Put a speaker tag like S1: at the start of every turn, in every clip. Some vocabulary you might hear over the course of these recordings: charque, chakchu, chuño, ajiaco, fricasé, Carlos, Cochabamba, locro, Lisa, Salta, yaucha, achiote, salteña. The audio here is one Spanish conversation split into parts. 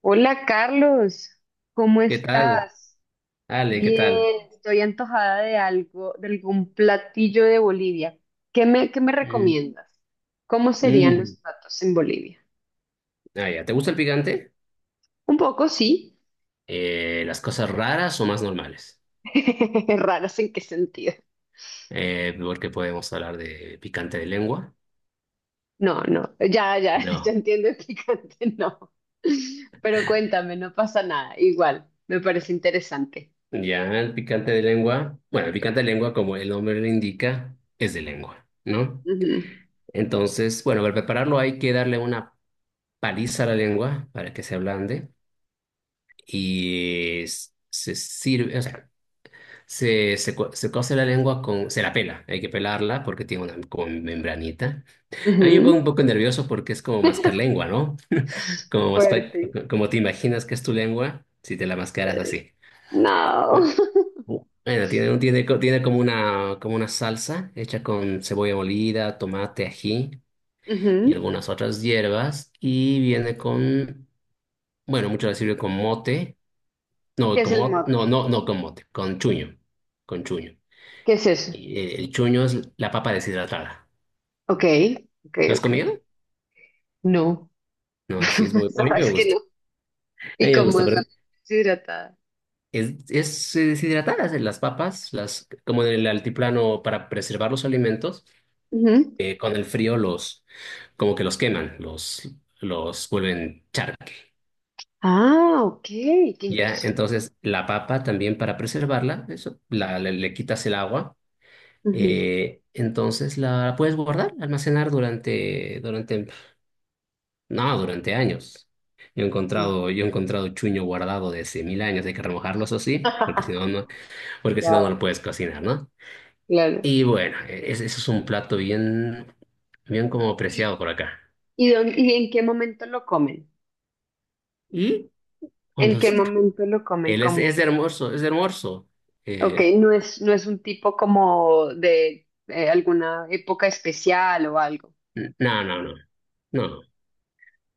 S1: Hola Carlos, ¿cómo
S2: ¿Qué tal?
S1: estás?
S2: Ale, ¿qué tal?
S1: Bien, estoy antojada de algo, de algún platillo de Bolivia. ¿Qué me
S2: Mm,
S1: recomiendas? ¿Cómo serían los
S2: mm.
S1: platos en Bolivia?
S2: Ah, ya. ¿Te gusta el picante?
S1: Un poco, sí.
S2: ¿Las cosas raras o más normales?
S1: ¿Raros en qué sentido?
S2: Porque podemos hablar de picante de lengua.
S1: No, no, ya, ya, ya
S2: No.
S1: entiendo el picante, no. Pero cuéntame, no pasa nada, igual, me parece interesante.
S2: Ya, el picante de lengua. Bueno, el picante de lengua, como el nombre lo indica, es de lengua, ¿no?
S1: Ujú,
S2: Entonces, bueno, para prepararlo hay que darle una paliza a la lengua para que se ablande y se sirve, o sea, se cose la lengua con. Se la pela, hay que pelarla porque tiene una como membranita. A mí me pongo
S1: ujú.
S2: un poco nervioso porque es como mascar lengua, ¿no? Como, maspa-
S1: Fuerte.
S2: como te imaginas que es tu lengua si te la mascaras así.
S1: No.
S2: Bueno, tiene, tiene como una, salsa hecha con cebolla molida, tomate, ají y
S1: Ujú.
S2: algunas otras hierbas. Y viene con. Bueno, muchas veces sirve con mote. No,
S1: ¿Qué es el
S2: no,
S1: mote?
S2: no, no con mote, con chuño. Con chuño.
S1: ¿Qué es eso?
S2: Y, el chuño es la papa deshidratada.
S1: Ok, ok,
S2: ¿Lo has
S1: ok.
S2: comido?
S1: No,
S2: No, sí es muy. A mí me
S1: sabes que
S2: gusta.
S1: no.
S2: A
S1: ¿Y
S2: mí me
S1: cómo
S2: gusta,
S1: es la
S2: pero
S1: deshidratada?
S2: es deshidratadas las papas, como en el altiplano para preservar los alimentos,
S1: Ujú.
S2: con el frío como que los queman, los vuelven charque.
S1: Ah, ok, qué
S2: Ya,
S1: interesante.
S2: entonces la papa también para preservarla, eso, le quitas el agua,
S1: Ujú,
S2: entonces la puedes guardar, almacenar durante, durante No, durante años. Yo he
S1: sí.
S2: encontrado, yo he encontrado chuño guardado de hace mil años, hay que remojarlos así, porque si no, no
S1: Wow,
S2: lo puedes cocinar, ¿no?
S1: claro.
S2: Y bueno, ese es un plato bien como
S1: ¿Y,
S2: apreciado por acá.
S1: y y en qué momento lo comen?
S2: Y
S1: ¿En
S2: cuando
S1: qué
S2: es-
S1: momento lo comen?
S2: Él es
S1: Como,
S2: hermoso, es hermoso.
S1: ok,
S2: Eh,
S1: no es un tipo como de alguna época especial o algo.
S2: no, no, no, no,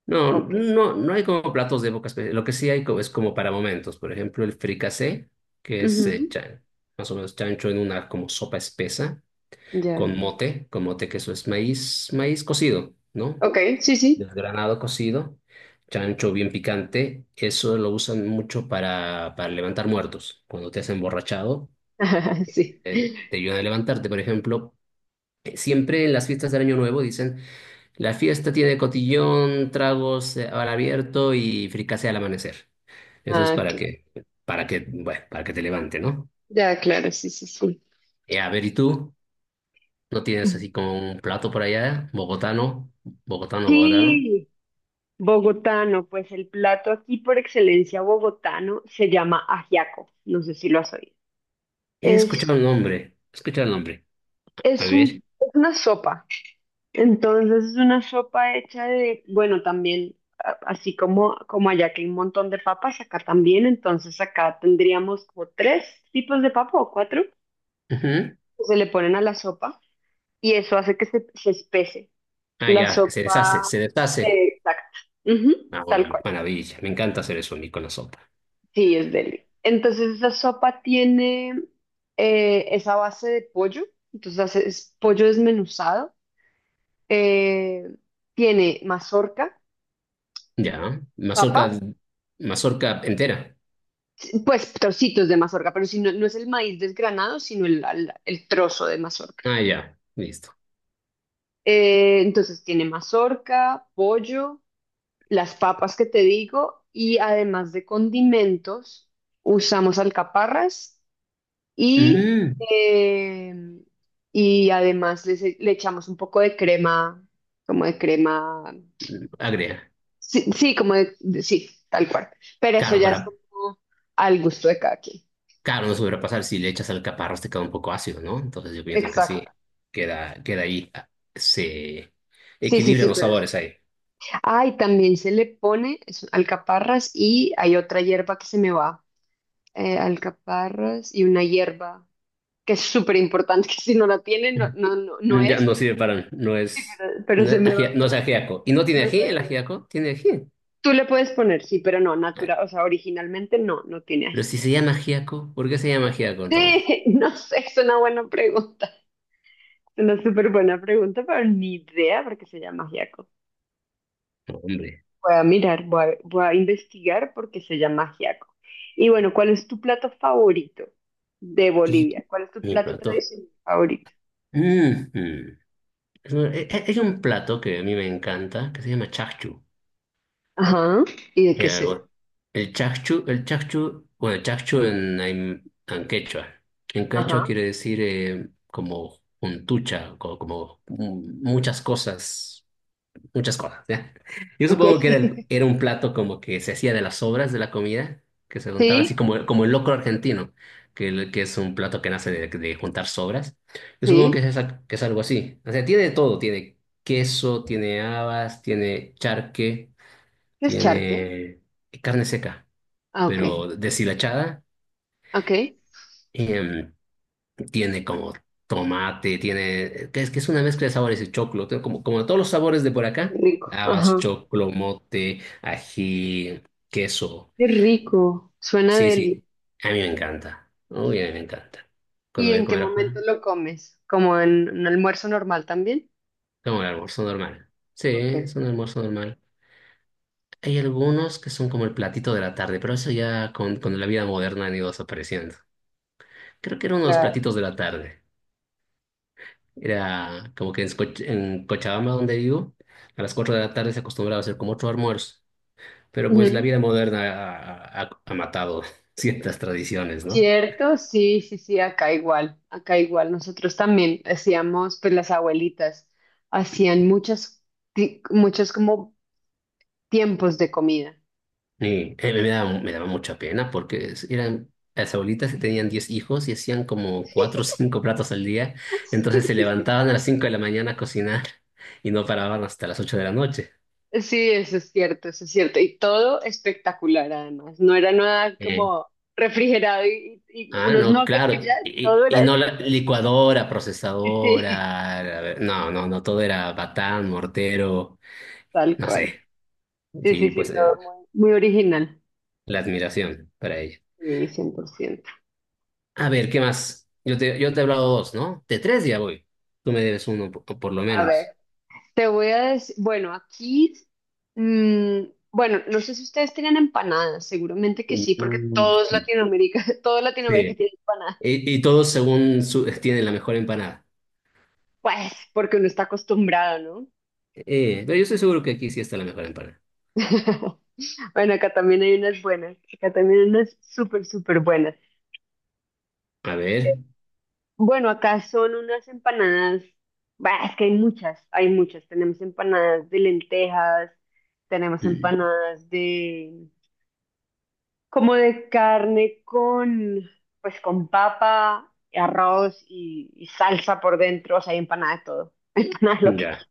S2: no,
S1: Ok.
S2: no, no hay como platos de época Lo que sí hay es como para momentos. Por ejemplo, el fricasé, que es
S1: Ujú,
S2: más o menos chancho en una como sopa espesa
S1: ya.
S2: con mote que eso es maíz cocido, ¿no?
S1: Ok, sí, sí.
S2: Desgranado cocido, chancho bien picante, eso lo usan mucho para levantar muertos. Cuando te has emborrachado,
S1: Sí.
S2: te ayudan a levantarte, por ejemplo. Siempre en las fiestas del Año Nuevo dicen, la fiesta tiene cotillón, tragos al abierto y fricase al amanecer. Eso es
S1: Ah,
S2: para
S1: claro.
S2: que, para que, bueno, para que te levante, ¿no?
S1: Ya, claro, sí, sí, sí.
S2: A ver, ¿y tú? ¿No tienes así como un plato por allá, bogotano? Bogotano, bogotano.
S1: Sí, bogotano, pues el plato aquí por excelencia bogotano se llama ajiaco, no sé si lo has oído.
S2: He escuchado
S1: Es,
S2: el nombre. He escuchado el nombre. A
S1: es un,
S2: ver.
S1: es una sopa, entonces es una sopa hecha de, bueno, también, así como allá que hay un montón de papas, acá también, entonces acá tendríamos como tres tipos de papa o cuatro
S2: Ujú.
S1: que se le ponen a la sopa y eso hace que se espese.
S2: Ah,
S1: La
S2: ya, que se
S1: sopa,
S2: deshace, se deshace.
S1: exacto, ujú,
S2: Ah, una
S1: tal cual.
S2: maravilla. Me encanta hacer eso a mí con la sopa.
S1: Sí, es deli. Entonces esa sopa tiene esa base de pollo, entonces es pollo desmenuzado, eh, tiene mazorca,
S2: Ya.
S1: papa,
S2: Mazorca, mazorca entera.
S1: pues trocitos de mazorca, pero si no, no es el maíz desgranado, sino el trozo de mazorca.
S2: Ah, ya. Listo.
S1: Entonces tiene mazorca, pollo, las papas que te digo y además de condimentos usamos alcaparras Y,
S2: Mm,
S1: eh, y además les le, echamos un poco de crema, como de crema,
S2: Agria.
S1: sí, sí, como sí, tal cual. Pero eso
S2: Claro,
S1: ya es
S2: para,
S1: como al gusto de cada quien.
S2: claro, no se hubiera pasar si le echas alcaparras te queda un poco ácido, ¿no? Entonces yo pienso que
S1: Exacto.
S2: sí. Queda ahí. Se
S1: Sí, sí,
S2: equilibran
S1: sí,
S2: los
S1: pero es...
S2: sabores ahí.
S1: Ah, y también se le pone alcaparras y hay otra hierba que se me va. Alcaparras y una hierba que es súper importante, que si no la tiene, no, no, no, no
S2: Ya no
S1: es,
S2: sirve para, no es,
S1: pero
S2: no
S1: se
S2: es
S1: me va.
S2: agia- no es ajiaco. ¿Y no tiene ají el ajiaco? ¿Tiene ají?
S1: Tú le puedes poner, sí, pero no, natural, o sea, originalmente no tiene
S2: Pero
S1: así.
S2: si se llama Giaco, ¿por qué se llama Giaco entonces?
S1: Sí, no sé, es una buena pregunta. Es una súper buena pregunta, pero ni idea por qué se llama ajiaco.
S2: Hombre,
S1: Voy a mirar, voy a investigar por qué se llama ajiaco. Y bueno, ¿cuál es tu plato favorito de
S2: y
S1: Bolivia? ¿Cuál es tu
S2: mi
S1: plato
S2: plato.
S1: tradicional favorito?
S2: Mm, mm. Hay un plato que a mí me encanta que se llama chakchu.
S1: Ajá, ¿y de qué
S2: El,
S1: se?
S2: algo- el chakchu, bueno, chakchu en, en quechua. En quechua
S1: Ajá,
S2: quiere decir como juntucha, como, muchas cosas, ¿ya? Yo
S1: ok.
S2: supongo que era, era un plato como que se hacía de las sobras de la comida, que se juntaba así
S1: Sí,
S2: como el locro argentino, que es un plato que nace de juntar sobras. Yo supongo que
S1: sí,
S2: que es algo así. O sea, tiene de todo, tiene queso, tiene habas, tiene charque,
S1: ¿qué es charque?
S2: tiene carne seca,
S1: Ah, ok,
S2: pero deshilachada.
S1: ok. Qué
S2: em, Tiene como tomate, que es una mezcla de sabores de choclo, tiene como todos los sabores de por acá,
S1: rico,
S2: habas,
S1: ajá,
S2: choclo, mote, ají, queso.
S1: qué rico, suena
S2: Sí,
S1: deli.
S2: sí, a mí me encanta. Uy, a mí me encanta. Cuando
S1: ¿Y
S2: voy a
S1: en qué
S2: comer
S1: momento
S2: afuera,
S1: lo comes? ¿Como en un almuerzo normal también?
S2: como el almuerzo normal. Sí,
S1: Ok,
S2: es un almuerzo normal. Hay algunos que son como el platito de la tarde, pero eso ya con la vida moderna han ido desapareciendo. Creo que era uno de los
S1: claro.
S2: platitos de la tarde. Era como que en Cochabamba, donde vivo, a las 4 de la tarde se acostumbraba a hacer como otro almuerzo. Pero pues la
S1: Ujú.
S2: vida moderna ha matado ciertas tradiciones, ¿no?
S1: Cierto, sí, sí, sí, acá igual, acá igual. Nosotros también hacíamos, pues las abuelitas hacían muchas, muchos como tiempos de comida.
S2: Y, me daba mucha pena porque eran las abuelitas que tenían 10 hijos y hacían como 4 o 5 platos al día. Entonces se levantaban a las 5 de la mañana a cocinar y no paraban hasta las 8 de la noche.
S1: Sí, eso es cierto, eso es cierto. Y todo espectacular además. No era nada
S2: Eh,
S1: como refrigerado y
S2: Ah,
S1: unos
S2: no,
S1: nuggets y ya,
S2: claro. Y,
S1: todo
S2: y
S1: era
S2: no la
S1: espectacular.
S2: licuadora,
S1: Sí,
S2: procesadora. No, no, no, todo era batán, mortero,
S1: tal
S2: no
S1: cual.
S2: sé.
S1: Sí, sí,
S2: Sí,
S1: sí,
S2: pues
S1: todo muy, muy original.
S2: la admiración para ella.
S1: Sí, 100%.
S2: A ver, ¿qué más? Yo te he hablado dos, ¿no? De tres ya voy. Tú me debes uno por lo
S1: A ver,
S2: menos.
S1: te voy a decir, bueno, aquí, mm, bueno, no sé si ustedes tengan empanadas, seguramente que sí, porque todos
S2: Sí.
S1: Latinoamérica, todo Latinoamérica
S2: Sí.
S1: tiene empanadas.
S2: Y todos tienen la mejor empanada.
S1: Pues, porque uno está acostumbrado, ¿no?
S2: Pero yo estoy seguro que aquí sí está la mejor empanada.
S1: Bueno, acá también hay unas buenas, acá también hay unas súper, súper buenas.
S2: A ver.
S1: Bueno, acá son unas empanadas, bah, es que hay muchas, hay muchas. Tenemos empanadas de lentejas, tenemos
S2: Mm,
S1: empanadas de, como de carne con, pues con papa, arroz y salsa por dentro, o sea, hay empanada de todo, empanada de lo que
S2: Ya,
S1: quieras.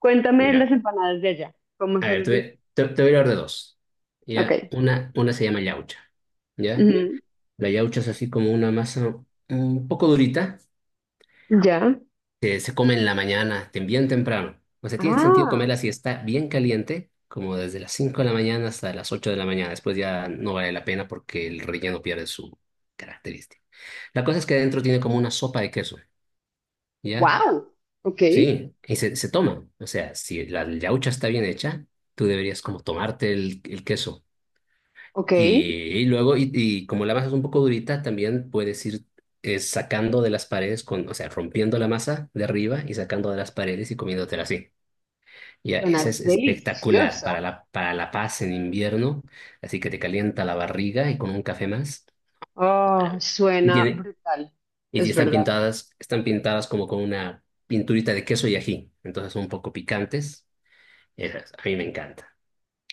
S1: Cuéntame
S2: ya.
S1: las empanadas de allá, ¿cómo
S2: A
S1: son
S2: ver,
S1: las empanadas?
S2: te voy a hablar de dos.
S1: Ok,
S2: ¿Ya? Una se llama yaucha. ¿Ya? La yaucha es así como una masa un poco durita.
S1: ujú, ya.
S2: Que se come en la mañana, bien temprano. O sea, tiene sentido
S1: Ah,
S2: comerla si está bien caliente, como desde las 5 de la mañana hasta las 8 de la mañana. Después ya no vale la pena porque el relleno pierde su característica. La cosa es que adentro tiene como una sopa de queso. ¿Ya?
S1: wow, ok,
S2: Sí, y se toma. O sea, si la yaucha está bien hecha, tú deberías como tomarte el queso.
S1: ok,
S2: Y luego, y como la masa es un poco durita, también puedes ir sacando de las paredes, o sea, rompiendo la masa de arriba y sacando de las paredes y comiéndotela así. Ya,
S1: suena
S2: esa es espectacular
S1: deliciosa.
S2: para la paz en invierno, así que te calienta la barriga y con un café más,
S1: Oh,
S2: maravilla. Y
S1: suena
S2: tiene,
S1: brutal,
S2: y
S1: es
S2: están
S1: verdad.
S2: pintadas, están pintadas como con una pinturita de queso y ají, entonces son un poco picantes. Esas, a mí me encanta.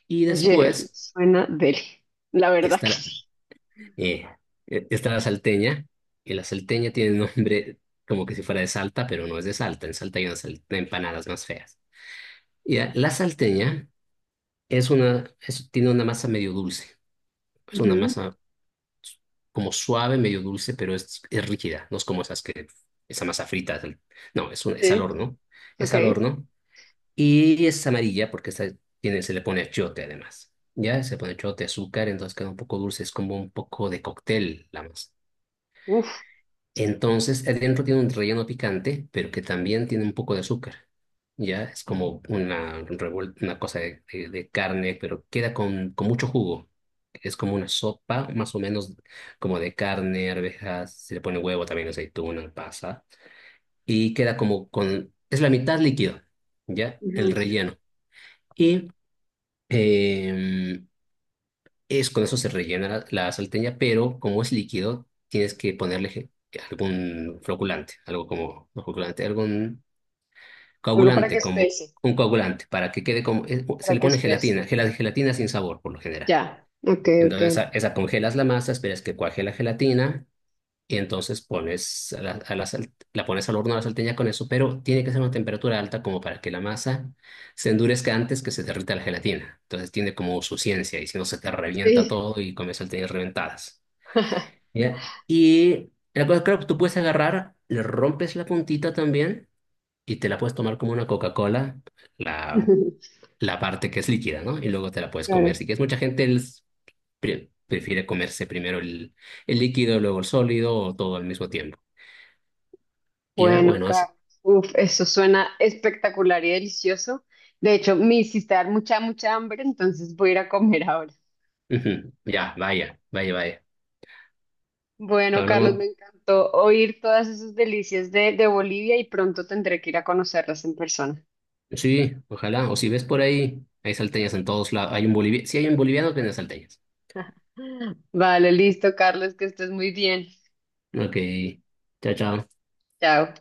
S2: Y
S1: Oye,
S2: después
S1: suena deli, la verdad que
S2: está,
S1: sí.
S2: Eh, está la salteña, y la salteña tiene nombre como que si fuera de Salta, pero no es de Salta. En Salta hay unas empanadas más feas. Y la salteña tiene una masa medio dulce. Es una
S1: Ujú,
S2: masa como suave, medio dulce, pero es rígida. No es como esa masa frita. No, es al
S1: sí,
S2: horno. Es
S1: ok,
S2: al horno. Y es amarilla porque se le pone achiote además. Ya se pone achiote, azúcar, entonces queda un poco dulce. Es como un poco de cóctel la masa.
S1: uf,
S2: Entonces, adentro tiene un relleno picante, pero que también tiene un poco de azúcar. Ya es como una cosa de carne, pero queda con mucho jugo. Es como una sopa, más o menos, como de carne, arvejas, se le pone huevo también, aceituna, pasa. Y queda como con. Es la mitad líquido, ¿ya? El
S1: ujú.
S2: relleno. Y em, con eso se rellena la salteña, pero como es líquido, tienes que ponerle algún floculante, algo como, no floculante, algún
S1: Algo para que
S2: coagulante, como
S1: espese.
S2: un coagulante, para que quede se
S1: Para
S2: le
S1: que
S2: pone
S1: estés.
S2: gelatina, gelatina sin sabor por lo general.
S1: Ya, ok, ok.
S2: Entonces, esa congelas la masa, esperas que cuaje la gelatina y entonces pones la pones al horno a la salteña con eso, pero tiene que ser una temperatura alta como para que la masa se endurezca antes que se derrita la gelatina. Entonces tiene como su ciencia y si no se te revienta
S1: Sí.
S2: todo y comes salteñas reventadas. ¿Ya? Y la cosa, claro, tú puedes agarrar, le rompes la puntita también y te la puedes tomar como una Coca-Cola, la, la parte que es líquida, ¿no? Y luego te la puedes comer.
S1: Claro.
S2: Si quieres, mucha gente prefiere comerse primero el líquido, luego el sólido o todo al mismo tiempo. Y,
S1: Bueno,
S2: bueno,
S1: Carlos. Uf, eso suena espectacular y delicioso. De hecho, me hiciste dar mucha, mucha hambre, entonces voy a ir a comer ahora.
S2: ujú, ya, vaya, vaya, vaya.
S1: Bueno, Carlos, me
S2: Hablamos,
S1: encantó oír todas esas delicias de Bolivia y pronto tendré que ir a conocerlas en persona.
S2: sí, ojalá. O si ves por ahí, hay salteñas en todos lados. Hay un boliviano, sí hay un boliviano que vende salteñas.
S1: Vale, listo, Carlos, que estés muy bien.
S2: Ok, chao, chao.
S1: Chao.